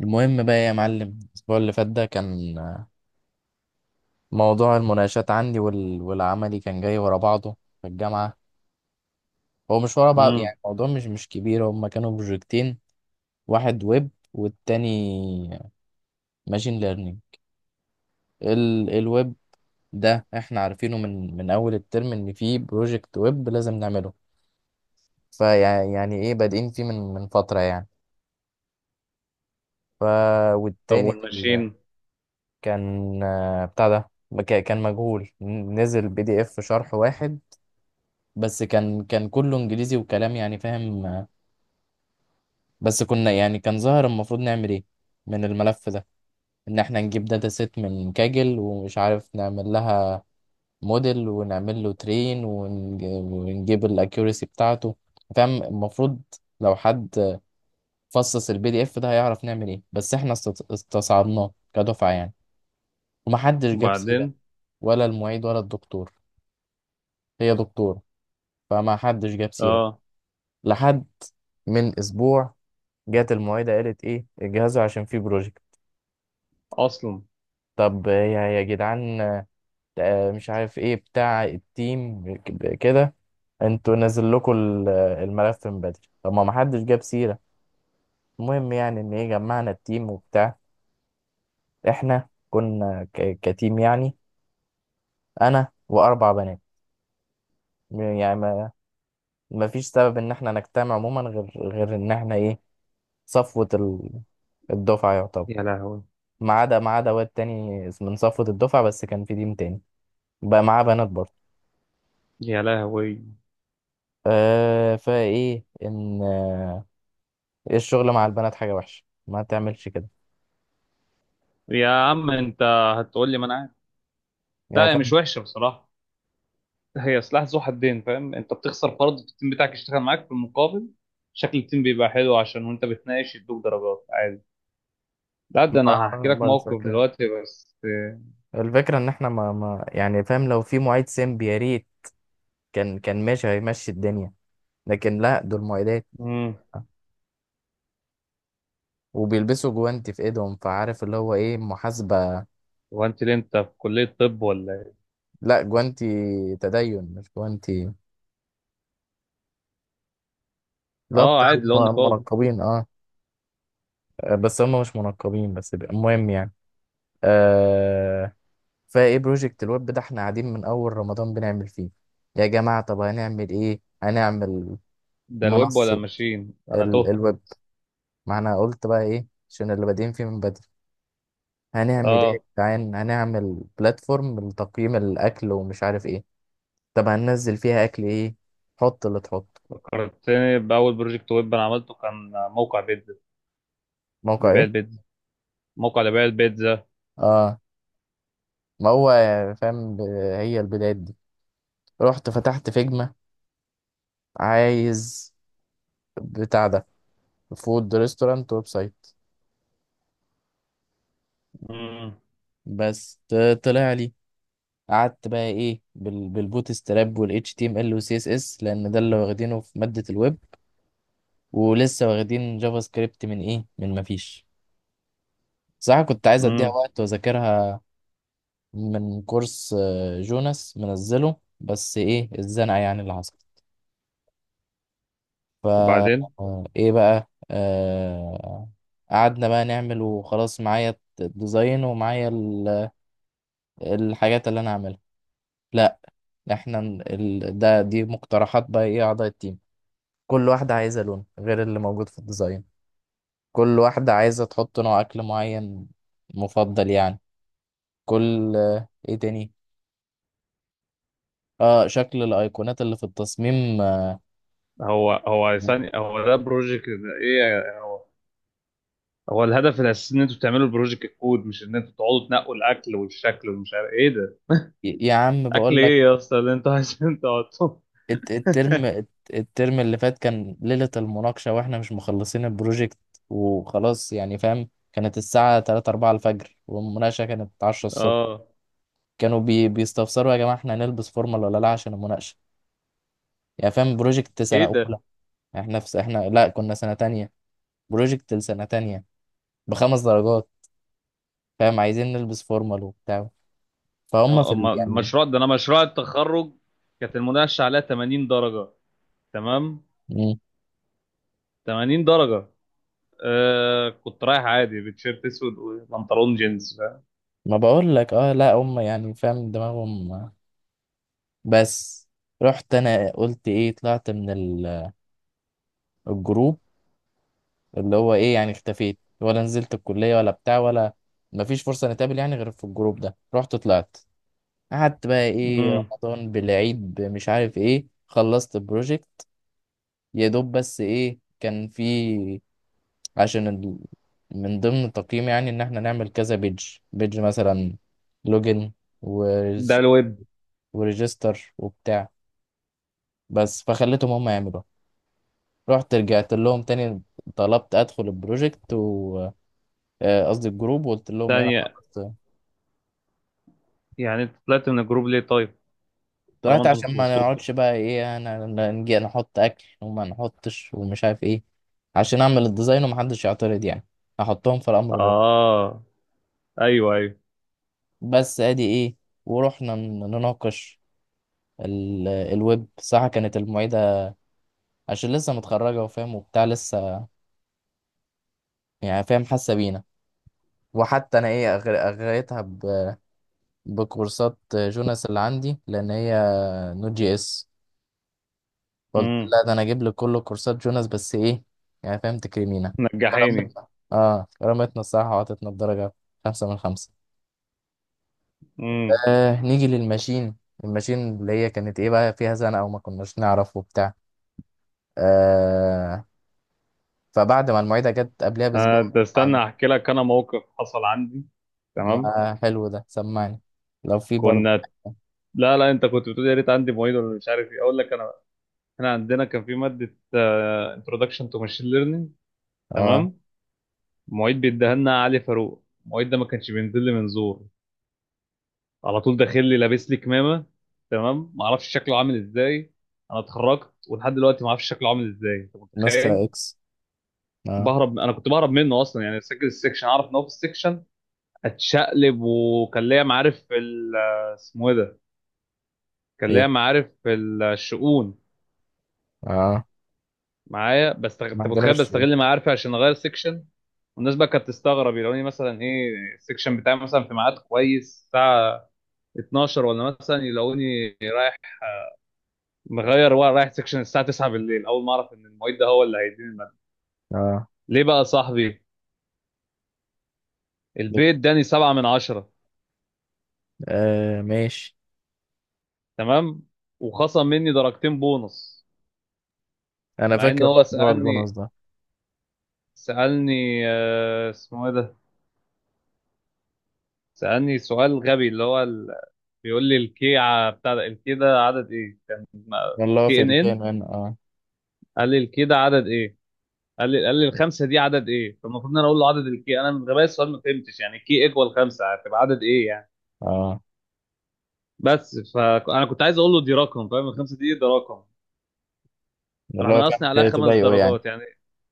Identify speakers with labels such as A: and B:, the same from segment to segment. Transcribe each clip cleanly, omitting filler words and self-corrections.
A: المهم بقى يا معلم، الأسبوع اللي فات ده كان موضوع المناقشات عندي وال... والعملي كان جاي ورا بعضه في الجامعة. هو مش ورا بعض
B: امم
A: يعني، الموضوع مش كبير. هما كانوا بروجكتين: واحد ويب والتاني ماشين ليرنينج. الويب ده احنا عارفينه من أول الترم إن فيه بروجكت ويب لازم نعمله، فيعني إيه بادئين فيه من فترة يعني. ف،
B: طب
A: والتاني
B: والماشين.
A: كان بتاع ده، كان مجهول، نزل بي دي اف شرح واحد، بس كان كله انجليزي وكلام، يعني فاهم. بس كنا يعني، كان ظاهر المفروض نعمل ايه من الملف ده، ان احنا نجيب داتا سيت من كاجل ومش عارف، نعمل لها موديل ونعمل له ترين ونجيب الاكيوريسي بتاعته. فاهم، المفروض لو حد فصص البي دي اف ده هيعرف نعمل ايه، بس احنا استصعبناه كدفعة يعني. ومحدش جاب سيرة،
B: وبعدين؟
A: ولا المعيد ولا الدكتور، هي دكتور. فما حدش جاب سيرة
B: اه،
A: لحد من اسبوع، جت المعيدة قالت ايه، اجهزوا عشان في بروجكت.
B: اصلا
A: طب يا جدعان، مش عارف ايه بتاع التيم، كده انتوا نزل لكم الملف من بدري، طب ما محدش جاب سيرة. المهم يعني ان ايه، جمعنا التيم وبتاع. احنا كنا كتيم يعني، انا واربع بنات، يعني ما فيش سبب ان احنا نجتمع عموما غير ان احنا ايه، صفوة الدفعة يعتبر،
B: يا لهوي،
A: ما عدا واد تاني من صفوة الدفعة، بس كان في تيم تاني بقى معاه بنات برضه.
B: يا لهوي.
A: فايه ان ايه، الشغل مع البنات حاجه وحشه، ما تعملش كده،
B: يا عم انت، هتقول لي ما انا عارف.
A: يعني
B: لا، هي مش
A: فاهم.
B: وحشه بصراحه. هي سلاح ذو حدين، فاهم؟ انت بتخسر فرد في التيم بتاعك يشتغل معاك، في المقابل شكل التيم بيبقى حلو، عشان وانت بتناقش يدوك درجات عادي. لا، ده انا هحكي لك
A: بس
B: موقف
A: كده.
B: دلوقتي بس.
A: الفكره ان احنا ما يعني فاهم، لو في معيد سيمب يا ريت كان ماشي، هيمشي الدنيا، لكن لا، دول معيدات
B: امم
A: وبيلبسوا جوانتي في ايدهم، فعارف اللي هو ايه، محاسبه.
B: هو انت ليه انت في كليه طب ولا ايه؟
A: لا جوانتي تدين، مش جوانتي. لا
B: اه
A: بتاع
B: عادي لو نقاب.
A: المنقبين، اه. بس هم مش منقبين، بس المهم يعني. آه فايه، بروجكت الويب ده احنا قاعدين من اول رمضان بنعمل فيه. يا جماعه، طب هنعمل ايه؟ هنعمل
B: ده الويب ولا
A: منصه.
B: ماشين؟ انا تهت.
A: الويب، ما انا قلت بقى ايه، عشان اللي بادئين فيه من بدري. هنعمل ايه يا
B: اه،
A: جدعان؟ هنعمل بلاتفورم لتقييم الاكل ومش عارف ايه. طب هننزل فيها اكل ايه؟ حط اللي تحط.
B: فكرتني بأول بروجكت ويب أنا عملته، كان موقع بيتزا
A: موقع
B: لبيع
A: ايه؟
B: البيتزا، موقع لبيع البيتزا.
A: اه. ما هو فاهم، هي البدايات دي. رحت فتحت فيجما، عايز بتاع ده، فود ريستورانت ويب سايت.
B: مم.
A: بس طلع لي. قعدت بقى ايه بالبوت ستراب والاتش تي ام ال والسي اس اس، لان ده اللي واخدينه في ماده الويب، ولسه واخدين جافا سكريبت من ايه، من ما فيش. صراحه كنت عايز اديها
B: مم.
A: وقت واذاكرها من كورس جوناس، منزله، بس ايه الزنقه يعني اللي حصلت. فا
B: وبعدين؟
A: ايه بقى قعدنا بقى نعمل وخلاص. معايا الديزاين ومعايا الحاجات اللي انا هعملها. لا احنا ده، دي مقترحات بقى ايه، اعضاء التيم. كل واحدة عايزة لون غير اللي موجود في الديزاين، كل واحدة عايزة تحط نوع أكل معين مفضل يعني. كل إيه تاني، شكل الأيقونات اللي في التصميم،
B: هو ثاني، هو ده بروجكت إيه هو؟ هو الهدف الأساسي إن أنتوا تعملوا البروجكت كود، مش إن أنتوا تقعدوا تنقوا الأكل والشكل ومش عارف إيه ده.
A: يا عم
B: أكل
A: بقول لك.
B: إيه يا أسطى اللي أنتوا عايزين تقعدوا؟
A: الترم اللي فات كان ليلة المناقشة وإحنا مش مخلصين البروجكت وخلاص، يعني فاهم. كانت الساعة 3 4 الفجر والمناقشة كانت 10 الصبح.
B: آه،
A: كانوا بيستفسروا، يا جماعة إحنا هنلبس فورمال ولا لا عشان المناقشة، يعني فاهم، بروجكت سنة
B: إيه ده؟
A: أولى. احنا في احنا لا، كنا سنة تانية، بروجكت لسنة تانية بخمس درجات، فاهم، عايزين نلبس فورمال وبتاع. فهم في
B: أما
A: يعني.
B: المشروع ده أنا، مشروع التخرج، كانت المناقشة عليها 80 درجة، تمام؟
A: مم.
B: 80 درجة. آه، كنت رايح عادي بتيشيرت اسود وبنطلون جينز، فاهم؟
A: ما بقول لك، اه لا هم يعني فاهم دماغهم. بس رحت انا قلت ايه، طلعت من الجروب اللي هو ايه، يعني اختفيت، ولا نزلت الكلية، ولا بتاع، ولا مفيش فرصة نتقابل يعني غير في الجروب ده. رحت طلعت. قعدت بقى ايه،
B: مم.
A: رمضان بالعيد مش عارف ايه، خلصت البروجكت يا دوب. بس ايه، كان في عشان من ضمن التقييم يعني، ان احنا نعمل كذا بيج بيج مثلا، لوجن
B: ده
A: وريج...
B: الويب.
A: وريجستر وبتاع، بس فخليتهم هم يعملوا. رحت رجعت لهم تاني، طلبت ادخل البروجكت و قصدي الجروب، وقلت لهم ايه، انا
B: ثانية،
A: خلصت.
B: يعني انت طلعت من الجروب ليه طيب؟ طالما
A: طلعت
B: انتم
A: عشان ما
B: خلصتوش.
A: نقعدش بقى ايه، أنا نجي نحط اكل وما نحطش ومش عارف ايه، عشان اعمل الديزاين ومحدش يعترض يعني، احطهم في الامر الواقع.
B: اه، ايوه ايوه.
A: بس ادي ايه، ورحنا نناقش الويب. صح، كانت المعيدة عشان لسه متخرجة وفاهم وبتاع، لسه يعني فاهم حاسة بينا. وحتى أنا إيه أغريتها بكورسات جوناس اللي عندي، لأن هي نوت جي إس. قلت
B: امم،
A: لا، ده أنا أجيب لك كل كورسات جوناس، بس إيه، يعني فاهم تكرمينا.
B: نجحيني.
A: كرمتنا، كرمتنا الصراحة، وعطتنا الدرجة، خمسة من خمسة.
B: امم.
A: نيجي للماشين. الماشين اللي هي كانت إيه بقى، فيها زنقة وما كناش نعرف وبتاع. آه فبعد ما المعيدة جت قبلها
B: آه،
A: بأسبوع،
B: ده استنى احكي لك انا موقف حصل عندي، تمام؟
A: ما حلو ده، سمعني لو في برضه.
B: كنا، لا لا، انت كنت بتقول يا ريت عندي معيد ولا مش عارف ايه، اقول لك انا، احنا عندنا كان في ماده انتروداكشن تو ماشين ليرنينج،
A: اه،
B: تمام؟ المعيد بيديها لنا علي فاروق، المعيد ده ما كانش بينزل لي من زور، على طول داخل لي لابس لي كمامه، تمام؟ ما اعرفش شكله عامل ازاي، انا اتخرجت ولحد دلوقتي ما اعرفش شكله عامل ازاي، انت
A: مستر
B: متخيل؟
A: اكس، اه.
B: بهرب، انا كنت بهرب منه اصلا، يعني سجل السكشن اعرف ان هو في السكشن اتشقلب، وكان ليا معارف في اسمه ايه ده، كان ليا
A: ايه؟
B: معارف في الشؤون
A: اه.
B: معايا، بس
A: ما
B: انت متخيل
A: عندناش سؤال.
B: بستغل معارفي عشان اغير سكشن؟ والناس بقى كانت تستغرب، يلاقوني مثلا ايه، السكشن بتاعي مثلا في ميعاد كويس، الساعه 12، ولا مثلا يلاقوني مغير ورق رايح سكشن الساعه 9 بالليل، اول ما اعرف ان المعيد ده هو اللي هيديني الماده.
A: اه.
B: ليه بقى يا صاحبي؟
A: ليه؟
B: البيت اداني 7 من 10،
A: آه ماشي.
B: تمام؟ وخصم مني درجتين بونص،
A: انا
B: مع ان
A: فاكر
B: هو
A: موضوع البونص
B: سالني،
A: ده.
B: سالني اسمه ايه ده، سالني سؤال غبي اللي هو ال... بيقول لي الكي بتاع ده، الكي ده عدد ايه كان؟
A: اللي هو
B: كي
A: في
B: ان ان
A: الكيمان، اه.
B: قال لي الكي ده عدد ايه، قال لي الخمسه دي عدد ايه، فالمفروض ان انا اقول له عدد الكي. انا من غباية السؤال ما فهمتش، يعني كي ايكوال خمسه هتبقى عدد ايه يعني،
A: اه،
B: بس فانا كنت عايز اقول له دي رقم، فاهم؟ الخمسه دي ده رقم. راح
A: اللي هو كان
B: منقصني عليها خمس
A: تضايقه يعني.
B: درجات يعني.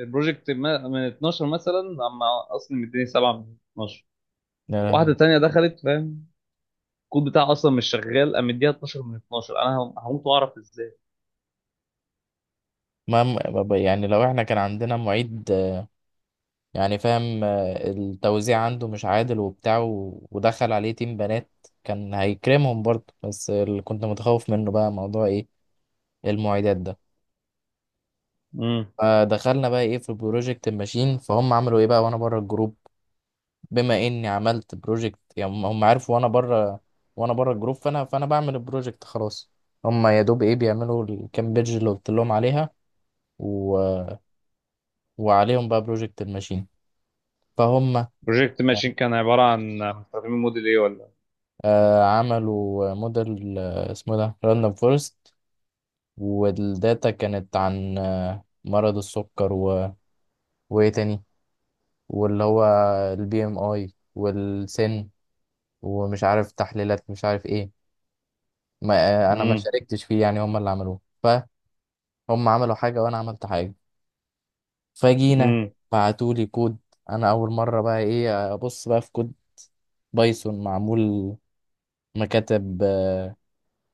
B: البروجكت من 12 مثلا، اما اصلا مديني 7 من 12.
A: يا لهوي.
B: واحده تانية دخلت، فاهم؟ الكود بتاعها اصلا مش شغال، قام مديها 12 من 12. انا هموت واعرف ازاي.
A: يعني لو احنا كان عندنا معيد يعني فاهم، التوزيع عنده مش عادل وبتاع، ودخل عليه تيم بنات، كان هيكرمهم برضه، بس اللي كنت متخوف منه بقى موضوع ايه، المعيدات ده.
B: امم.
A: فدخلنا بقى ايه في بروجكت الماشين، فهم عملوا ايه بقى وانا بره الجروب. بما اني عملت بروجكت يعني، هم عارفوا وانا بره، وانا بره الجروب، فانا بعمل البروجكت خلاص. هم يا دوب ايه، بيعملوا الكام بيدج اللي قلت لهم عليها، و... وعليهم بقى بروجكت الماشين. فهم
B: بروجكت ماشين كان عباره عن مستخدمين موديل ايه ولا؟
A: عملوا موديل، اسمه ده راندوم فورست، والداتا كانت عن مرض السكر و... وايه تاني، واللي هو البي ام اي والسن ومش عارف تحليلات مش عارف ايه. ما انا ما
B: امم.
A: شاركتش فيه يعني، هم اللي عملوه. فهم عملوا حاجه وانا عملت حاجه. فجينا،
B: امم.
A: بعتولي كود، انا اول مره بقى ايه ابص بقى في كود بايثون معمول مكاتب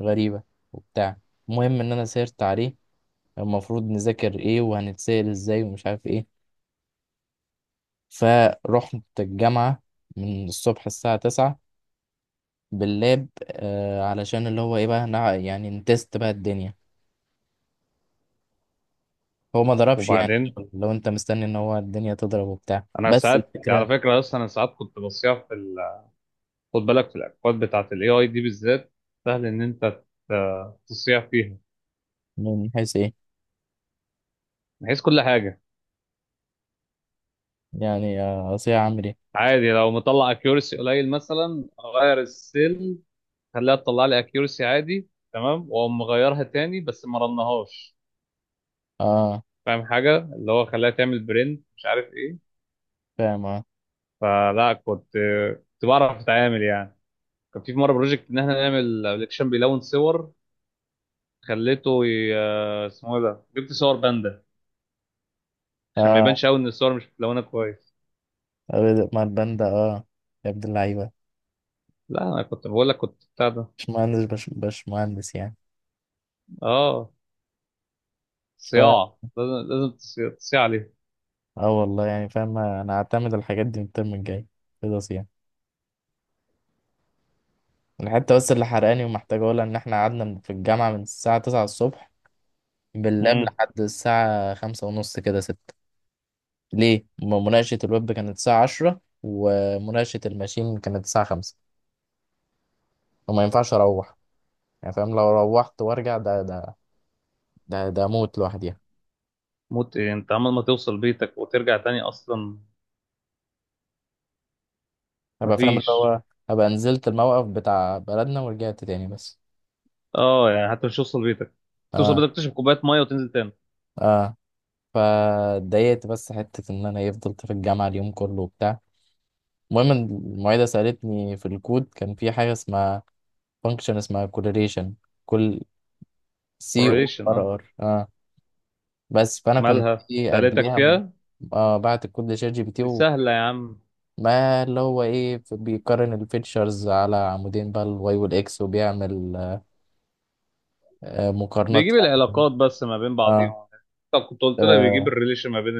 A: غريبه وبتاع. المهم ان انا سيرت عليه، المفروض نذاكر ايه وهنتسأل ازاي ومش عارف ايه. فرحت الجامعه من الصبح الساعه 9 باللاب، علشان اللي هو ايه بقى، يعني نتست بقى الدنيا. هو ما ضربش يعني،
B: وبعدين؟
A: لو انت مستني ان هو الدنيا تضرب وبتاع.
B: انا
A: بس
B: ساعات
A: الفكرة،
B: على فكره، اصلا انا ساعات كنت بصيح في ال... خد بالك في الاكواد بتاعت الIDE بالذات، سهل ان انت تصيح فيها،
A: من حيث ايه؟
B: بحيث كل حاجه.
A: يعني اصيع عامل ايه؟
B: عادي لو مطلع اكيورسي قليل مثلا اغير السيل، خليها تطلع لي اكيورسي عادي تمام، واقوم مغيرها تاني بس ما رنهاش،
A: اه
B: فاهم حاجه؟ اللي هو خليها تعمل برنت مش عارف ايه.
A: فاهم، اه.
B: فلا، كنت بعرف اتعامل يعني. كان في مره بروجكت ان احنا نعمل ابلكيشن بيلون صور، خليته اسمه ايه ده، جبت صور باندا عشان ما
A: اه.
B: يبانش قوي ان الصور مش متلونه كويس.
A: مع الباندا، اه. يا ابن اللعيبة،
B: لا انا كنت بقول لك كنت بتاع ده.
A: مش مهندس، بش, بش مهندس يعني.
B: اه،
A: ف،
B: صياعه لازم لازم تصيع
A: اه والله يعني فاهم، انا هعتمد الحاجات دي من الترم الجاي خلاص يعني. الحتة بس اللي حرقاني ومحتاج اقولها، ان احنا قعدنا في الجامعة من الساعة 9 الصبح باللاب
B: عليه.
A: لحد الساعة خمسة ونص كده ستة. ليه؟ مناقشة الويب كانت الساعة عشرة، ومناقشة الماشين كانت الساعة خمسة، وما ينفعش أروح. يعني فاهم، لو روحت وأرجع، ده أموت لوحدي.
B: موت ايه؟ انت عمال ما توصل بيتك وترجع تاني اصلا؟
A: أبقى فاهم اللي
B: مفيش.
A: هو، أبقى نزلت الموقف بتاع بلدنا ورجعت تاني بس.
B: اه، يعني حتى مش توصل بيتك، توصل
A: اه.
B: بيتك تشرب كوبايه ميه وتنزل تاني.
A: اه. فاتضايقت، بس حتة إن أنا إيه، فضلت في الجامعة اليوم كله وبتاع. المهم إن المعيدة سألتني في الكود، كان في حاجة اسمها فانكشن، اسمها كورليشن، كل سي او
B: حريشن،
A: ار
B: اه.
A: ار بس فانا كنت
B: مالها
A: ايه
B: سألتك
A: قبليها
B: فيها؟
A: آه بعت الكود لشات جي بي تي،
B: دي سهله يا عم،
A: وما اللي هو ايه، بيقارن الفيتشرز على عمودين بقى الواي والاكس، وبيعمل مقارنات
B: بيجيب
A: يعني.
B: العلاقات بس ما بين
A: اه.
B: بعضيهم. طب كنت قلت لك بيجيب
A: آه
B: الريليشن ما بين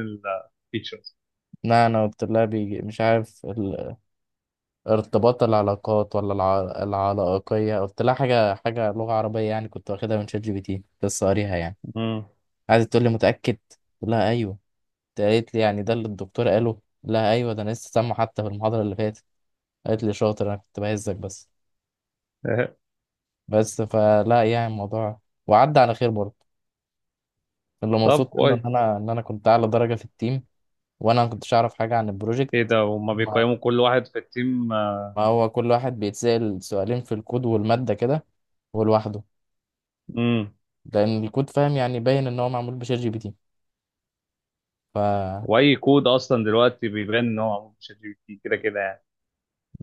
B: التيتشرز.
A: لا انا قلت لها بيجي مش عارف ارتباط العلاقات، ولا العلاقية، قلت لها حاجة لغة عربية يعني، كنت واخدها من شات جي بي تي لسه قاريها يعني.
B: امم.
A: قعدت تقول لي متأكد؟ قلت لها ايوه. قالت لي يعني ده اللي الدكتور قاله؟ لا ايوه، ده انا لسه سامعه حتى في المحاضرة اللي فاتت. قالت لي شاطر، انا كنت بهزك بس. بس فلا، يعني الموضوع وعدى على خير برضه. اللي
B: طب
A: مبسوط منه
B: كويس.
A: ان انا، كنت اعلى درجه في التيم، وانا ما كنتش اعرف حاجه عن
B: ايه
A: البروجكت.
B: ده، هما
A: ما,
B: بيقيموا كل واحد في التيم؟
A: ما هو كل واحد بيتسال سؤالين في الكود والماده كده، ولوحده،
B: امم.
A: لان الكود فاهم يعني باين ان هو معمول بشات جي بي تي. فلا،
B: واي كود اصلا دلوقتي بيبان ان هو معمول بشات جي بي تي، كده كده يعني.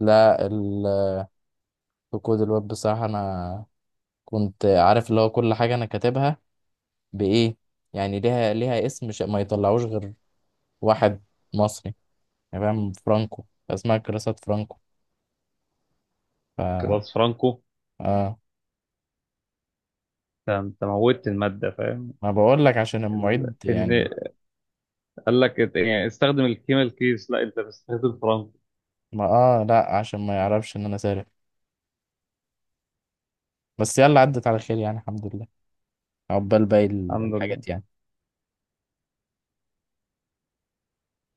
A: ال- في كود الويب بصراحه انا كنت عارف اللي هو كل حاجه انا كاتبها بايه، يعني ليها اسم، ما يطلعوش غير واحد مصري يعني فاهم، فرانكو، اسمها كراسات فرانكو. ف
B: كلاس فرانكو،
A: اه،
B: ده انت موتت الماده فاهم.
A: ما بقول لك عشان المعيد
B: ان
A: يعني.
B: قال لك يعني استخدم الكيميال كيس، لا انت بتستخدم فرنك.
A: ما اه، لا عشان ما يعرفش ان انا سارق. بس يلا، عدت على خير يعني، الحمد لله، عقبال باقي
B: الحمد
A: الحاجات
B: لله.
A: يعني